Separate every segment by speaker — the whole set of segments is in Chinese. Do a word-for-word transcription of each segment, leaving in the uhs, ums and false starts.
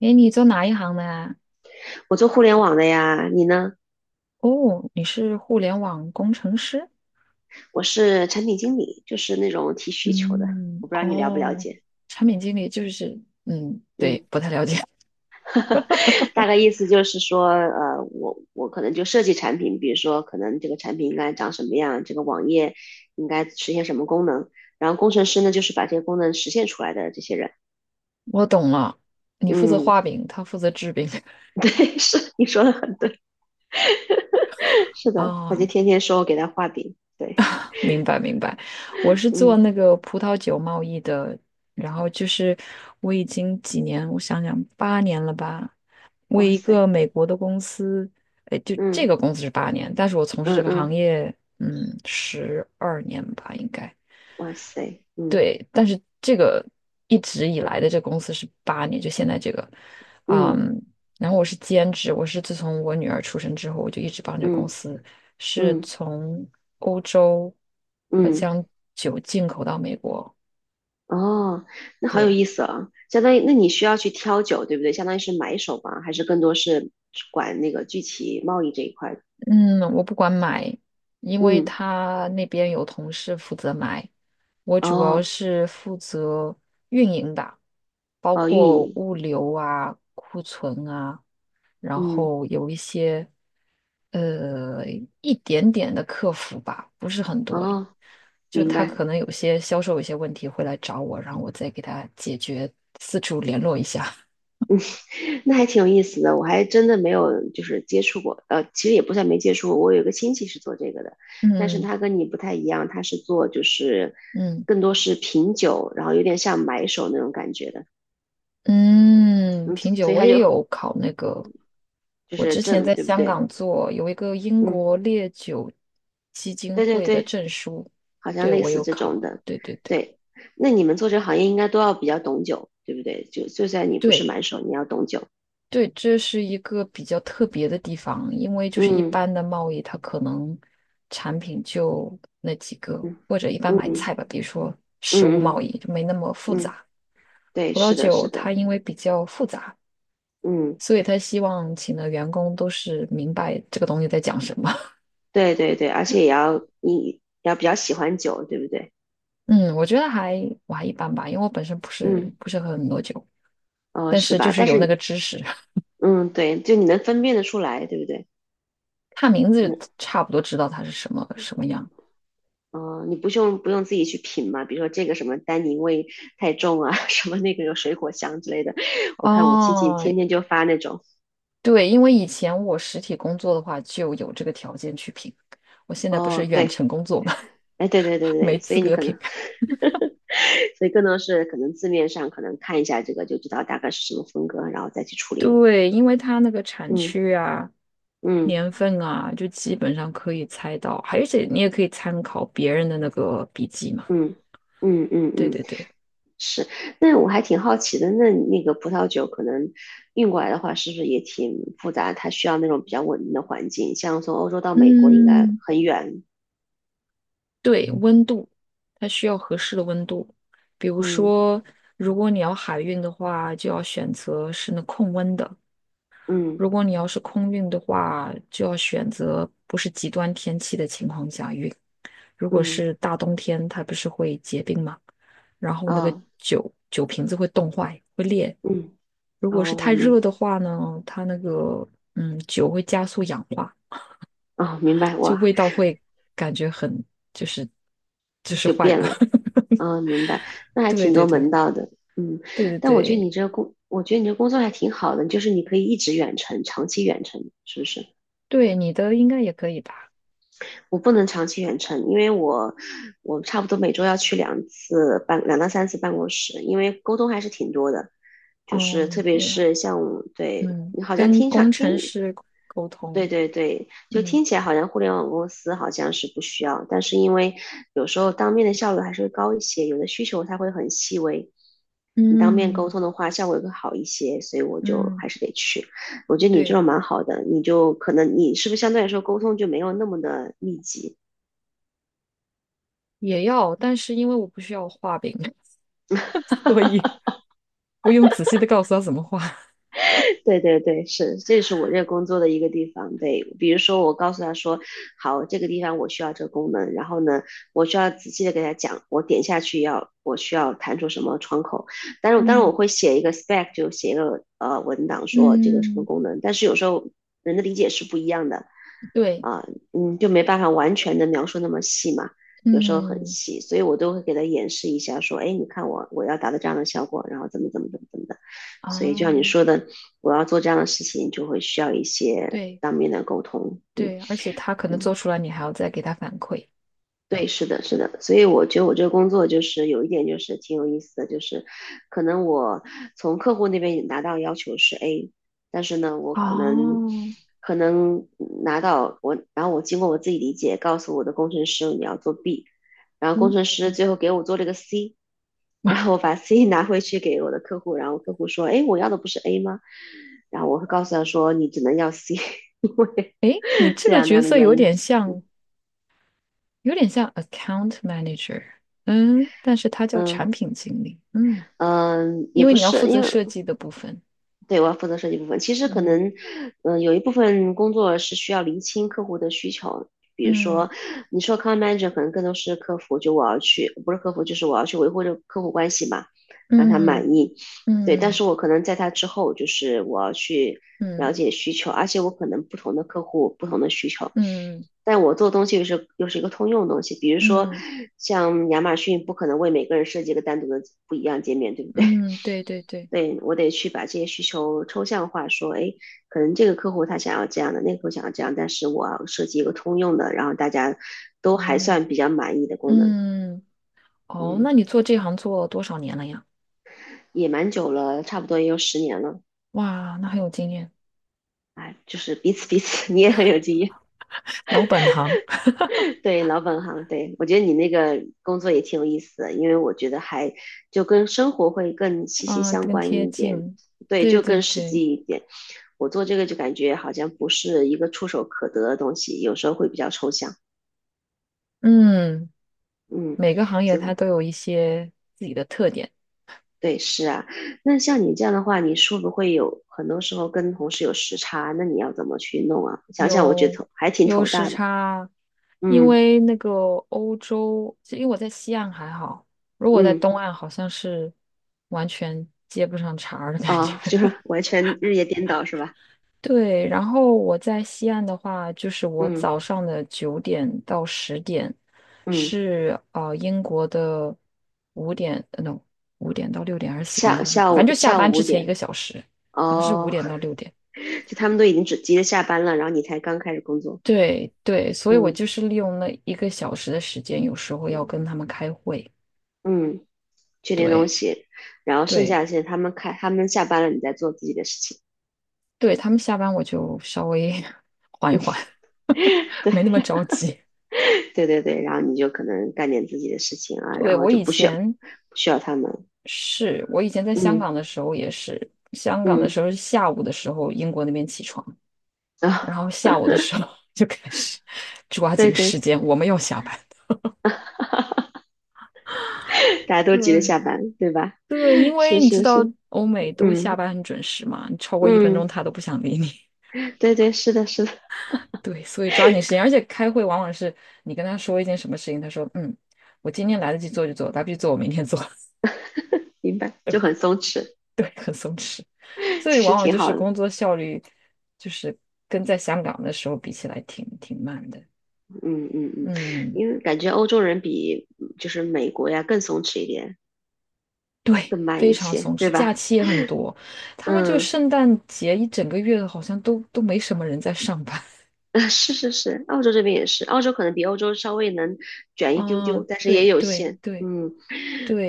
Speaker 1: 诶，你做哪一行的呀？
Speaker 2: 我做互联网的呀，你呢？
Speaker 1: 哦，你是互联网工程师？
Speaker 2: 我是产品经理，就是那种提需求的。
Speaker 1: 嗯，
Speaker 2: 我不知道你了不了
Speaker 1: 哦，
Speaker 2: 解，
Speaker 1: 产品经理就是，嗯，对，
Speaker 2: 嗯，
Speaker 1: 不太了解。
Speaker 2: 大概意思就是说，呃，我我可能就设计产品，比如说可能这个产品应该长什么样，这个网页应该实现什么功能，然后工程师呢就是把这些功能实现出来的这些人。
Speaker 1: 我懂了，你负责
Speaker 2: 嗯，
Speaker 1: 画饼，他负责制饼。
Speaker 2: 对，是你说的很对，是的，
Speaker 1: 啊，
Speaker 2: 他就天天说我给他画饼，对，
Speaker 1: 明白明白。我是做
Speaker 2: 嗯，
Speaker 1: 那个葡萄酒贸易的，然后就是我已经几年，我想想，八年了吧，为
Speaker 2: 哇
Speaker 1: 一个
Speaker 2: 塞，
Speaker 1: 美国的公司，哎，就这
Speaker 2: 嗯
Speaker 1: 个公司是八年，但是我从事这
Speaker 2: 嗯
Speaker 1: 个
Speaker 2: 嗯，
Speaker 1: 行业，嗯，十二年吧，应该。
Speaker 2: 哇塞，嗯
Speaker 1: 对，但是这个一直以来的这公司是八年，就现在这个，
Speaker 2: 嗯
Speaker 1: 嗯，然后我是兼职，我是自从我女儿出生之后，我就一直帮这个公
Speaker 2: 嗯
Speaker 1: 司，是
Speaker 2: 嗯
Speaker 1: 从欧洲呃
Speaker 2: 嗯。
Speaker 1: 将酒进口到美国。
Speaker 2: 哦，那好有
Speaker 1: 对，
Speaker 2: 意思啊！相当于，那你需要去挑酒，对不对？相当于是买手吧，还是更多是管那个具体贸易这一块？
Speaker 1: 嗯，我不管买，因为
Speaker 2: 嗯，
Speaker 1: 他那边有同事负责买，我主要
Speaker 2: 哦，
Speaker 1: 是负责运营的，包
Speaker 2: 哦，运
Speaker 1: 括
Speaker 2: 营，
Speaker 1: 物流啊、库存啊。然
Speaker 2: 嗯，
Speaker 1: 后有一些呃一点点的客服吧，不是很多。
Speaker 2: 哦，
Speaker 1: 就
Speaker 2: 明
Speaker 1: 他
Speaker 2: 白，
Speaker 1: 可能有些销售有些问题会来找我，然后我再给他解决，四处联络一下。
Speaker 2: 那还挺有意思的。我还真的没有就是接触过，呃，其实也不算没接触过。我有一个亲戚是做这个的，但是
Speaker 1: 嗯
Speaker 2: 他跟你不太一样，他是做就是
Speaker 1: 嗯
Speaker 2: 更多是品酒，然后有点像买手那种感觉的，
Speaker 1: 嗯，
Speaker 2: 嗯，
Speaker 1: 品酒
Speaker 2: 所以
Speaker 1: 我
Speaker 2: 他
Speaker 1: 也
Speaker 2: 就
Speaker 1: 有考那个，
Speaker 2: 就
Speaker 1: 我
Speaker 2: 是
Speaker 1: 之前
Speaker 2: 挣，
Speaker 1: 在
Speaker 2: 对不
Speaker 1: 香
Speaker 2: 对？
Speaker 1: 港做有一个英
Speaker 2: 嗯，
Speaker 1: 国烈酒基金
Speaker 2: 对对
Speaker 1: 会的
Speaker 2: 对。
Speaker 1: 证书，
Speaker 2: 好像
Speaker 1: 对
Speaker 2: 类
Speaker 1: 我
Speaker 2: 似
Speaker 1: 有
Speaker 2: 这种
Speaker 1: 考，
Speaker 2: 的。
Speaker 1: 对对对。
Speaker 2: 对，那你们做这个行业应该都要比较懂酒，对不对？就就算你不是
Speaker 1: 对，
Speaker 2: 满手，你要懂酒。
Speaker 1: 对，这是一个比较特别的地方，因为就是一
Speaker 2: 嗯
Speaker 1: 般的贸易，它可能产品就那几个，
Speaker 2: 嗯
Speaker 1: 或者一般买菜
Speaker 2: 嗯
Speaker 1: 吧，比如说食物贸
Speaker 2: 嗯嗯
Speaker 1: 易就没那么复
Speaker 2: 嗯，
Speaker 1: 杂。
Speaker 2: 对，
Speaker 1: 葡萄
Speaker 2: 是的，
Speaker 1: 酒
Speaker 2: 是
Speaker 1: 它
Speaker 2: 的，
Speaker 1: 因为比较复杂，
Speaker 2: 嗯，
Speaker 1: 所以他希望请的员工都是明白这个东西在讲什么。
Speaker 2: 对对对，而且也要你要比较喜欢酒，对不对？
Speaker 1: 嗯，我觉得还我还一般吧，因为我本身不是
Speaker 2: 嗯，
Speaker 1: 不是喝很多酒，
Speaker 2: 哦，
Speaker 1: 但
Speaker 2: 是
Speaker 1: 是就
Speaker 2: 吧？
Speaker 1: 是
Speaker 2: 但
Speaker 1: 有那个
Speaker 2: 是，
Speaker 1: 知识，
Speaker 2: 嗯，对，就你能分辨得出来，对不对？
Speaker 1: 看名
Speaker 2: 那，
Speaker 1: 字差不多知道它是什么什么样。
Speaker 2: 哦，你不用不用自己去品嘛？比如说这个什么单宁味太重啊，什么那个有水果香之类的。我看我亲戚
Speaker 1: 哦，
Speaker 2: 天天就发那种，
Speaker 1: 对，因为以前我实体工作的话就有这个条件去评，我现在不是
Speaker 2: 哦，
Speaker 1: 远
Speaker 2: 对，
Speaker 1: 程工作嘛，
Speaker 2: 哎，对对对
Speaker 1: 没
Speaker 2: 对，所
Speaker 1: 资
Speaker 2: 以你
Speaker 1: 格
Speaker 2: 可
Speaker 1: 评。
Speaker 2: 能，所以更多是可能字面上可能看一下这个就知道大概是什么风格，然后再去处理了。
Speaker 1: 对，因为它那个产
Speaker 2: 嗯
Speaker 1: 区啊、
Speaker 2: 嗯
Speaker 1: 年份啊，就基本上可以猜到，而且你也可以参考别人的那个笔记嘛。
Speaker 2: 嗯嗯嗯
Speaker 1: 对
Speaker 2: 嗯，
Speaker 1: 对对，
Speaker 2: 是。那我还挺好奇的，那那个葡萄酒可能运过来的话，是不是也挺复杂？它需要那种比较稳定的环境，像从欧洲到美国应该
Speaker 1: 嗯，
Speaker 2: 很远。
Speaker 1: 对，温度，它需要合适的温度。比如
Speaker 2: 嗯
Speaker 1: 说，如果你要海运的话，就要选择是那控温的。
Speaker 2: 嗯
Speaker 1: 如果你要是空运的话，就要选择不是极端天气的情况下运。如果
Speaker 2: 嗯，
Speaker 1: 是大冬天，它不是会结冰吗？然后那个
Speaker 2: 哦
Speaker 1: 酒酒瓶子会冻坏，会裂。
Speaker 2: 嗯
Speaker 1: 如果
Speaker 2: 哦，
Speaker 1: 是
Speaker 2: 我
Speaker 1: 太热
Speaker 2: 明
Speaker 1: 的话呢，它那个嗯酒会加速氧化，
Speaker 2: 哦明白，
Speaker 1: 就
Speaker 2: 哇，
Speaker 1: 味道会感觉很就是就是
Speaker 2: 就
Speaker 1: 坏
Speaker 2: 变
Speaker 1: 了。
Speaker 2: 了。嗯，明白，那还
Speaker 1: 对
Speaker 2: 挺
Speaker 1: 对
Speaker 2: 多
Speaker 1: 对
Speaker 2: 门道的，嗯，
Speaker 1: 对对
Speaker 2: 但我觉得
Speaker 1: 对
Speaker 2: 你这个工，我觉得你这工作还挺好的，就是你可以一直远程，长期远程，是不是？
Speaker 1: 对，你的应该也可以吧？
Speaker 2: 我不能长期远程，因为我我差不多每周要去两次办，两到三次办公室，因为沟通还是挺多的，就是
Speaker 1: 哦，
Speaker 2: 特别
Speaker 1: 也
Speaker 2: 是像我对
Speaker 1: 嗯，
Speaker 2: 你好像
Speaker 1: 跟
Speaker 2: 听上
Speaker 1: 工
Speaker 2: 听，
Speaker 1: 程师沟
Speaker 2: 对
Speaker 1: 通，
Speaker 2: 对对，就
Speaker 1: 嗯。
Speaker 2: 听起来好像互联网公司好像是不需要，但是因为有时候当面的效率还是会高一些，有的需求它会很细微。你当面沟
Speaker 1: 嗯
Speaker 2: 通的话，效果会好一些，所以我就
Speaker 1: 嗯，
Speaker 2: 还是得去。我觉得你这
Speaker 1: 对，
Speaker 2: 种蛮好的，你就可能你是不是相对来说沟通就没有那么的密集，
Speaker 1: 也要，但是因为我不需要画饼，所以不用仔细的告诉他怎么画。
Speaker 2: 对对对，是，这是我这个工作的一个地方。对，比如说我告诉他说，好，这个地方我需要这个功能，然后呢，我需要仔细的给他讲，我点下去要我需要弹出什么窗口。但是当然我
Speaker 1: 嗯
Speaker 2: 会写一个 spec，就写一个呃文档说这个什么
Speaker 1: 嗯，
Speaker 2: 功能。但是有时候人的理解是不一样的
Speaker 1: 对，
Speaker 2: 啊、嗯，就没办法完全的描述那么细嘛。有时候很
Speaker 1: 嗯
Speaker 2: 细，所以我都会给他演示一下，说，哎，你看我我要达到这样的效果，然后怎么怎么怎么怎么的。所以就像
Speaker 1: 哦，
Speaker 2: 你说的，我要做这样的事情，就会需要一些
Speaker 1: 对
Speaker 2: 当面的沟通。嗯，
Speaker 1: 对，而且他可能做出来，你还要再给他反馈。
Speaker 2: 对，是的，是的。所以我觉得我这个工作就是有一点就是挺有意思的，就是可能我从客户那边拿到要求是 A，但是呢，我可能
Speaker 1: 哦，
Speaker 2: 可能拿到我，然后我经过我自己理解，告诉我的工程师你要做 B，然后工
Speaker 1: 嗯，
Speaker 2: 程师最后给我做了个 C。然后我把 C 拿回去给我的客户，然后客户说：“哎，我要的不是 A 吗？”然后我会告诉他说：“你只能要 C。”
Speaker 1: 诶，你这
Speaker 2: 这
Speaker 1: 个
Speaker 2: 样那
Speaker 1: 角
Speaker 2: 样的
Speaker 1: 色
Speaker 2: 原
Speaker 1: 有
Speaker 2: 因。
Speaker 1: 点像，有点像 account manager，嗯，但是他叫
Speaker 2: 嗯
Speaker 1: 产品经理，嗯，
Speaker 2: 嗯，也
Speaker 1: 因为
Speaker 2: 不
Speaker 1: 你要
Speaker 2: 是，
Speaker 1: 负责
Speaker 2: 因为
Speaker 1: 设计的部分，
Speaker 2: 对，我要负责设计部分。其实可
Speaker 1: 嗯
Speaker 2: 能，嗯，有一部分工作是需要厘清客户的需求。比如
Speaker 1: 嗯
Speaker 2: 说，你说 account manager 可能更多是客服，就我要去，不是客服，就是我要去维护这个客户关系嘛，让他
Speaker 1: 嗯
Speaker 2: 满意。
Speaker 1: 嗯
Speaker 2: 对，
Speaker 1: 嗯。
Speaker 2: 但
Speaker 1: 嗯
Speaker 2: 是我可能在他之后，就是我要去
Speaker 1: 嗯
Speaker 2: 了解需求，而且我可能不同的客户不同的需求，
Speaker 1: 嗯
Speaker 2: 但我做东西又是又是一个通用的东西。比如说，
Speaker 1: 嗯
Speaker 2: 像亚马逊不可能为每个人设计一个单独的不一样界面，对不对？
Speaker 1: 嗯，对对对，
Speaker 2: 对，我得去把这些需求抽象化，说，哎，可能这个客户他想要这样的，那个客户想要这样，但是我要设计一个通用的，然后大家都还
Speaker 1: 嗯
Speaker 2: 算比较满意的功能。
Speaker 1: 嗯，哦，
Speaker 2: 嗯，
Speaker 1: 那你做这行做多少年了呀？
Speaker 2: 也蛮久了，差不多也有十年了，
Speaker 1: 哇，那很有经验，
Speaker 2: 哎，就是彼此彼此，你也很有经验。
Speaker 1: 老本行
Speaker 2: 对，老本行，对，我觉得你那个工作也挺有意思的，因为我觉得还就跟生活会更息息
Speaker 1: 啊，
Speaker 2: 相
Speaker 1: 更
Speaker 2: 关
Speaker 1: 贴
Speaker 2: 一点，
Speaker 1: 近，
Speaker 2: 对，
Speaker 1: 对
Speaker 2: 就
Speaker 1: 对
Speaker 2: 更实
Speaker 1: 对，
Speaker 2: 际一点。我做这个就感觉好像不是一个触手可得的东西，有时候会比较抽象。
Speaker 1: 嗯，
Speaker 2: 嗯，
Speaker 1: 每个行业
Speaker 2: 就
Speaker 1: 它都有一些自己的特点，
Speaker 2: 对，是啊。那像你这样的话，你是不会有很多时候跟同事有时差？那你要怎么去弄啊？想想我觉得
Speaker 1: 有
Speaker 2: 头还挺
Speaker 1: 有
Speaker 2: 头
Speaker 1: 时
Speaker 2: 大的。
Speaker 1: 差，因
Speaker 2: 嗯
Speaker 1: 为那个欧洲，就因为我在西岸还好，如果在
Speaker 2: 嗯，
Speaker 1: 东岸好像是完全接不上茬儿的感觉。
Speaker 2: 啊，就是完全日夜颠倒是吧？
Speaker 1: 对，然后我在西岸的话，就是我
Speaker 2: 嗯
Speaker 1: 早上的九点到十点
Speaker 2: 嗯。
Speaker 1: 是呃英国的五点呃，no 五点到六点还是四点
Speaker 2: 下
Speaker 1: 到五点，
Speaker 2: 下
Speaker 1: 反正
Speaker 2: 午
Speaker 1: 就下
Speaker 2: 下
Speaker 1: 班
Speaker 2: 午
Speaker 1: 之
Speaker 2: 五
Speaker 1: 前一
Speaker 2: 点
Speaker 1: 个小时，好像是五
Speaker 2: 哦，
Speaker 1: 点到六点。
Speaker 2: 就他们都已经只急着下班了，然后你才刚开始工作。
Speaker 1: 对对，所以我
Speaker 2: 嗯
Speaker 1: 就是利用那一个小时的时间，有时候要跟他们开会。
Speaker 2: 嗯，确定东
Speaker 1: 对
Speaker 2: 西，然后剩下
Speaker 1: 对
Speaker 2: 的时他们开他们下班了，你在做自己的事情。
Speaker 1: 对，他们下班我就稍微 缓一缓，没那么
Speaker 2: 对
Speaker 1: 着急。
Speaker 2: 对对对，然后你就可能干点自己的事情啊，
Speaker 1: 对，
Speaker 2: 然后
Speaker 1: 我
Speaker 2: 就
Speaker 1: 以
Speaker 2: 不需要
Speaker 1: 前
Speaker 2: 不需要他们。
Speaker 1: 是我以前在香港
Speaker 2: 嗯
Speaker 1: 的时候也是，香港的
Speaker 2: 嗯
Speaker 1: 时候是下午的时候，英国那边起床，然
Speaker 2: 啊，
Speaker 1: 后下午的时候 就开始抓
Speaker 2: 对
Speaker 1: 紧
Speaker 2: 对，
Speaker 1: 时 间，我们要下班。
Speaker 2: 大家都急着
Speaker 1: 对
Speaker 2: 下班，对吧？
Speaker 1: 对，因 为
Speaker 2: 是
Speaker 1: 你知
Speaker 2: 是
Speaker 1: 道
Speaker 2: 是，
Speaker 1: 欧美都下
Speaker 2: 嗯
Speaker 1: 班很准时嘛，你超过一分钟
Speaker 2: 嗯，
Speaker 1: 他都不想理你。
Speaker 2: 对对，是的是的，
Speaker 1: 对，所以抓紧时间，而且开会往往是你跟他说一件什么事情，他说嗯，我今天来得及做就做，来不及做我明天做。
Speaker 2: 明白，就很松弛，
Speaker 1: 对，很松弛，所以
Speaker 2: 其实
Speaker 1: 往往
Speaker 2: 挺
Speaker 1: 就是
Speaker 2: 好的。
Speaker 1: 工作效率，就是跟在香港的时候比起来挺挺慢的。
Speaker 2: 嗯嗯嗯，
Speaker 1: 嗯，
Speaker 2: 因为感觉欧洲人比嗯就是美国呀更松弛一点，
Speaker 1: 对，
Speaker 2: 更慢
Speaker 1: 非
Speaker 2: 一
Speaker 1: 常
Speaker 2: 些，
Speaker 1: 松
Speaker 2: 对
Speaker 1: 弛，假
Speaker 2: 吧？
Speaker 1: 期也很多，他们就
Speaker 2: 嗯，
Speaker 1: 圣诞节一整个月好像都都没什么人在上班。
Speaker 2: 是是是，澳洲这边也是，澳洲可能比欧洲稍微能卷一丢
Speaker 1: 啊，
Speaker 2: 丢，但是也
Speaker 1: 对
Speaker 2: 有
Speaker 1: 对
Speaker 2: 限。
Speaker 1: 对
Speaker 2: 嗯，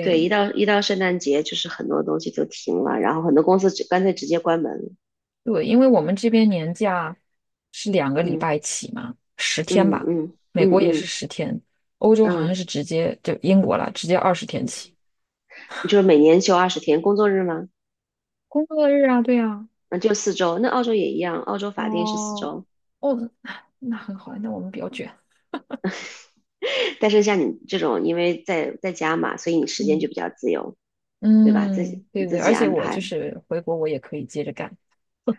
Speaker 2: 对，一到一到圣诞节，就是很多东西就停了，然后很多公司直干脆直接关门了。
Speaker 1: 对，因为我们这边年假是两个礼
Speaker 2: 嗯
Speaker 1: 拜起嘛，十天
Speaker 2: 嗯
Speaker 1: 吧，
Speaker 2: 嗯
Speaker 1: 美
Speaker 2: 嗯
Speaker 1: 国也是
Speaker 2: 嗯
Speaker 1: 十天，欧洲好像
Speaker 2: 嗯。
Speaker 1: 是直接就英国了，直接二十天起。
Speaker 2: 你就是每年休二十天工作日吗？
Speaker 1: 工作日啊，对啊，
Speaker 2: 嗯，就四周。那澳洲也一样，澳洲法定是四
Speaker 1: 哦，
Speaker 2: 周。
Speaker 1: 哦，那那很好，那我们比较卷。
Speaker 2: 但是像你这种，因为在在家嘛，所以你时间
Speaker 1: 嗯
Speaker 2: 就比较自由，对吧？自
Speaker 1: 嗯，
Speaker 2: 己
Speaker 1: 对
Speaker 2: 你
Speaker 1: 对，
Speaker 2: 自
Speaker 1: 而
Speaker 2: 己
Speaker 1: 且
Speaker 2: 安
Speaker 1: 我就
Speaker 2: 排。
Speaker 1: 是回国，我也可以接着干。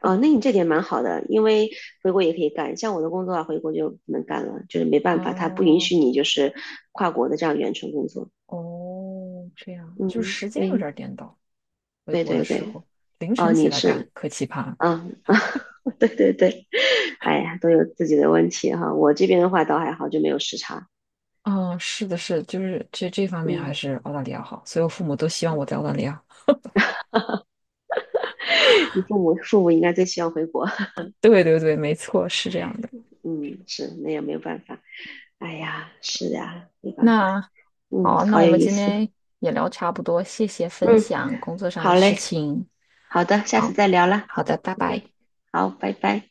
Speaker 2: 哦，那你这点蛮好的，因为回国也可以干。像我的工作啊，回国就不能干了，就是没办法，他不允
Speaker 1: 哦
Speaker 2: 许你就是跨国的这样远程工作。
Speaker 1: 哦，这样就是
Speaker 2: 嗯，
Speaker 1: 时间有点
Speaker 2: 对，
Speaker 1: 儿颠倒。回
Speaker 2: 对
Speaker 1: 国的
Speaker 2: 对
Speaker 1: 时
Speaker 2: 对。
Speaker 1: 候凌
Speaker 2: 哦，
Speaker 1: 晨起
Speaker 2: 你
Speaker 1: 来干，
Speaker 2: 是，
Speaker 1: 可奇葩了。
Speaker 2: 啊啊，对对对。哎呀，都有自己的问题哈。我这边的话倒还好，就没有时差。
Speaker 1: 嗯，是的是的，就是这这方面还
Speaker 2: 嗯，
Speaker 1: 是澳大利亚好，所以我父母都希望我在澳大利亚。
Speaker 2: 你父母父母应该最希望回国。
Speaker 1: 对对对，没错，是这样的。
Speaker 2: 嗯，是，那也没有办法。哎呀，是呀，没办法。
Speaker 1: 那好
Speaker 2: 嗯，
Speaker 1: 啊那
Speaker 2: 好
Speaker 1: 我
Speaker 2: 有
Speaker 1: 们
Speaker 2: 意
Speaker 1: 今
Speaker 2: 思。
Speaker 1: 天也聊差不多，谢谢分
Speaker 2: 嗯，
Speaker 1: 享工作上的
Speaker 2: 好
Speaker 1: 事
Speaker 2: 嘞，
Speaker 1: 情。
Speaker 2: 好的，下次
Speaker 1: 好，
Speaker 2: 再聊啦。
Speaker 1: 好的，拜拜。
Speaker 2: OK，好，拜拜。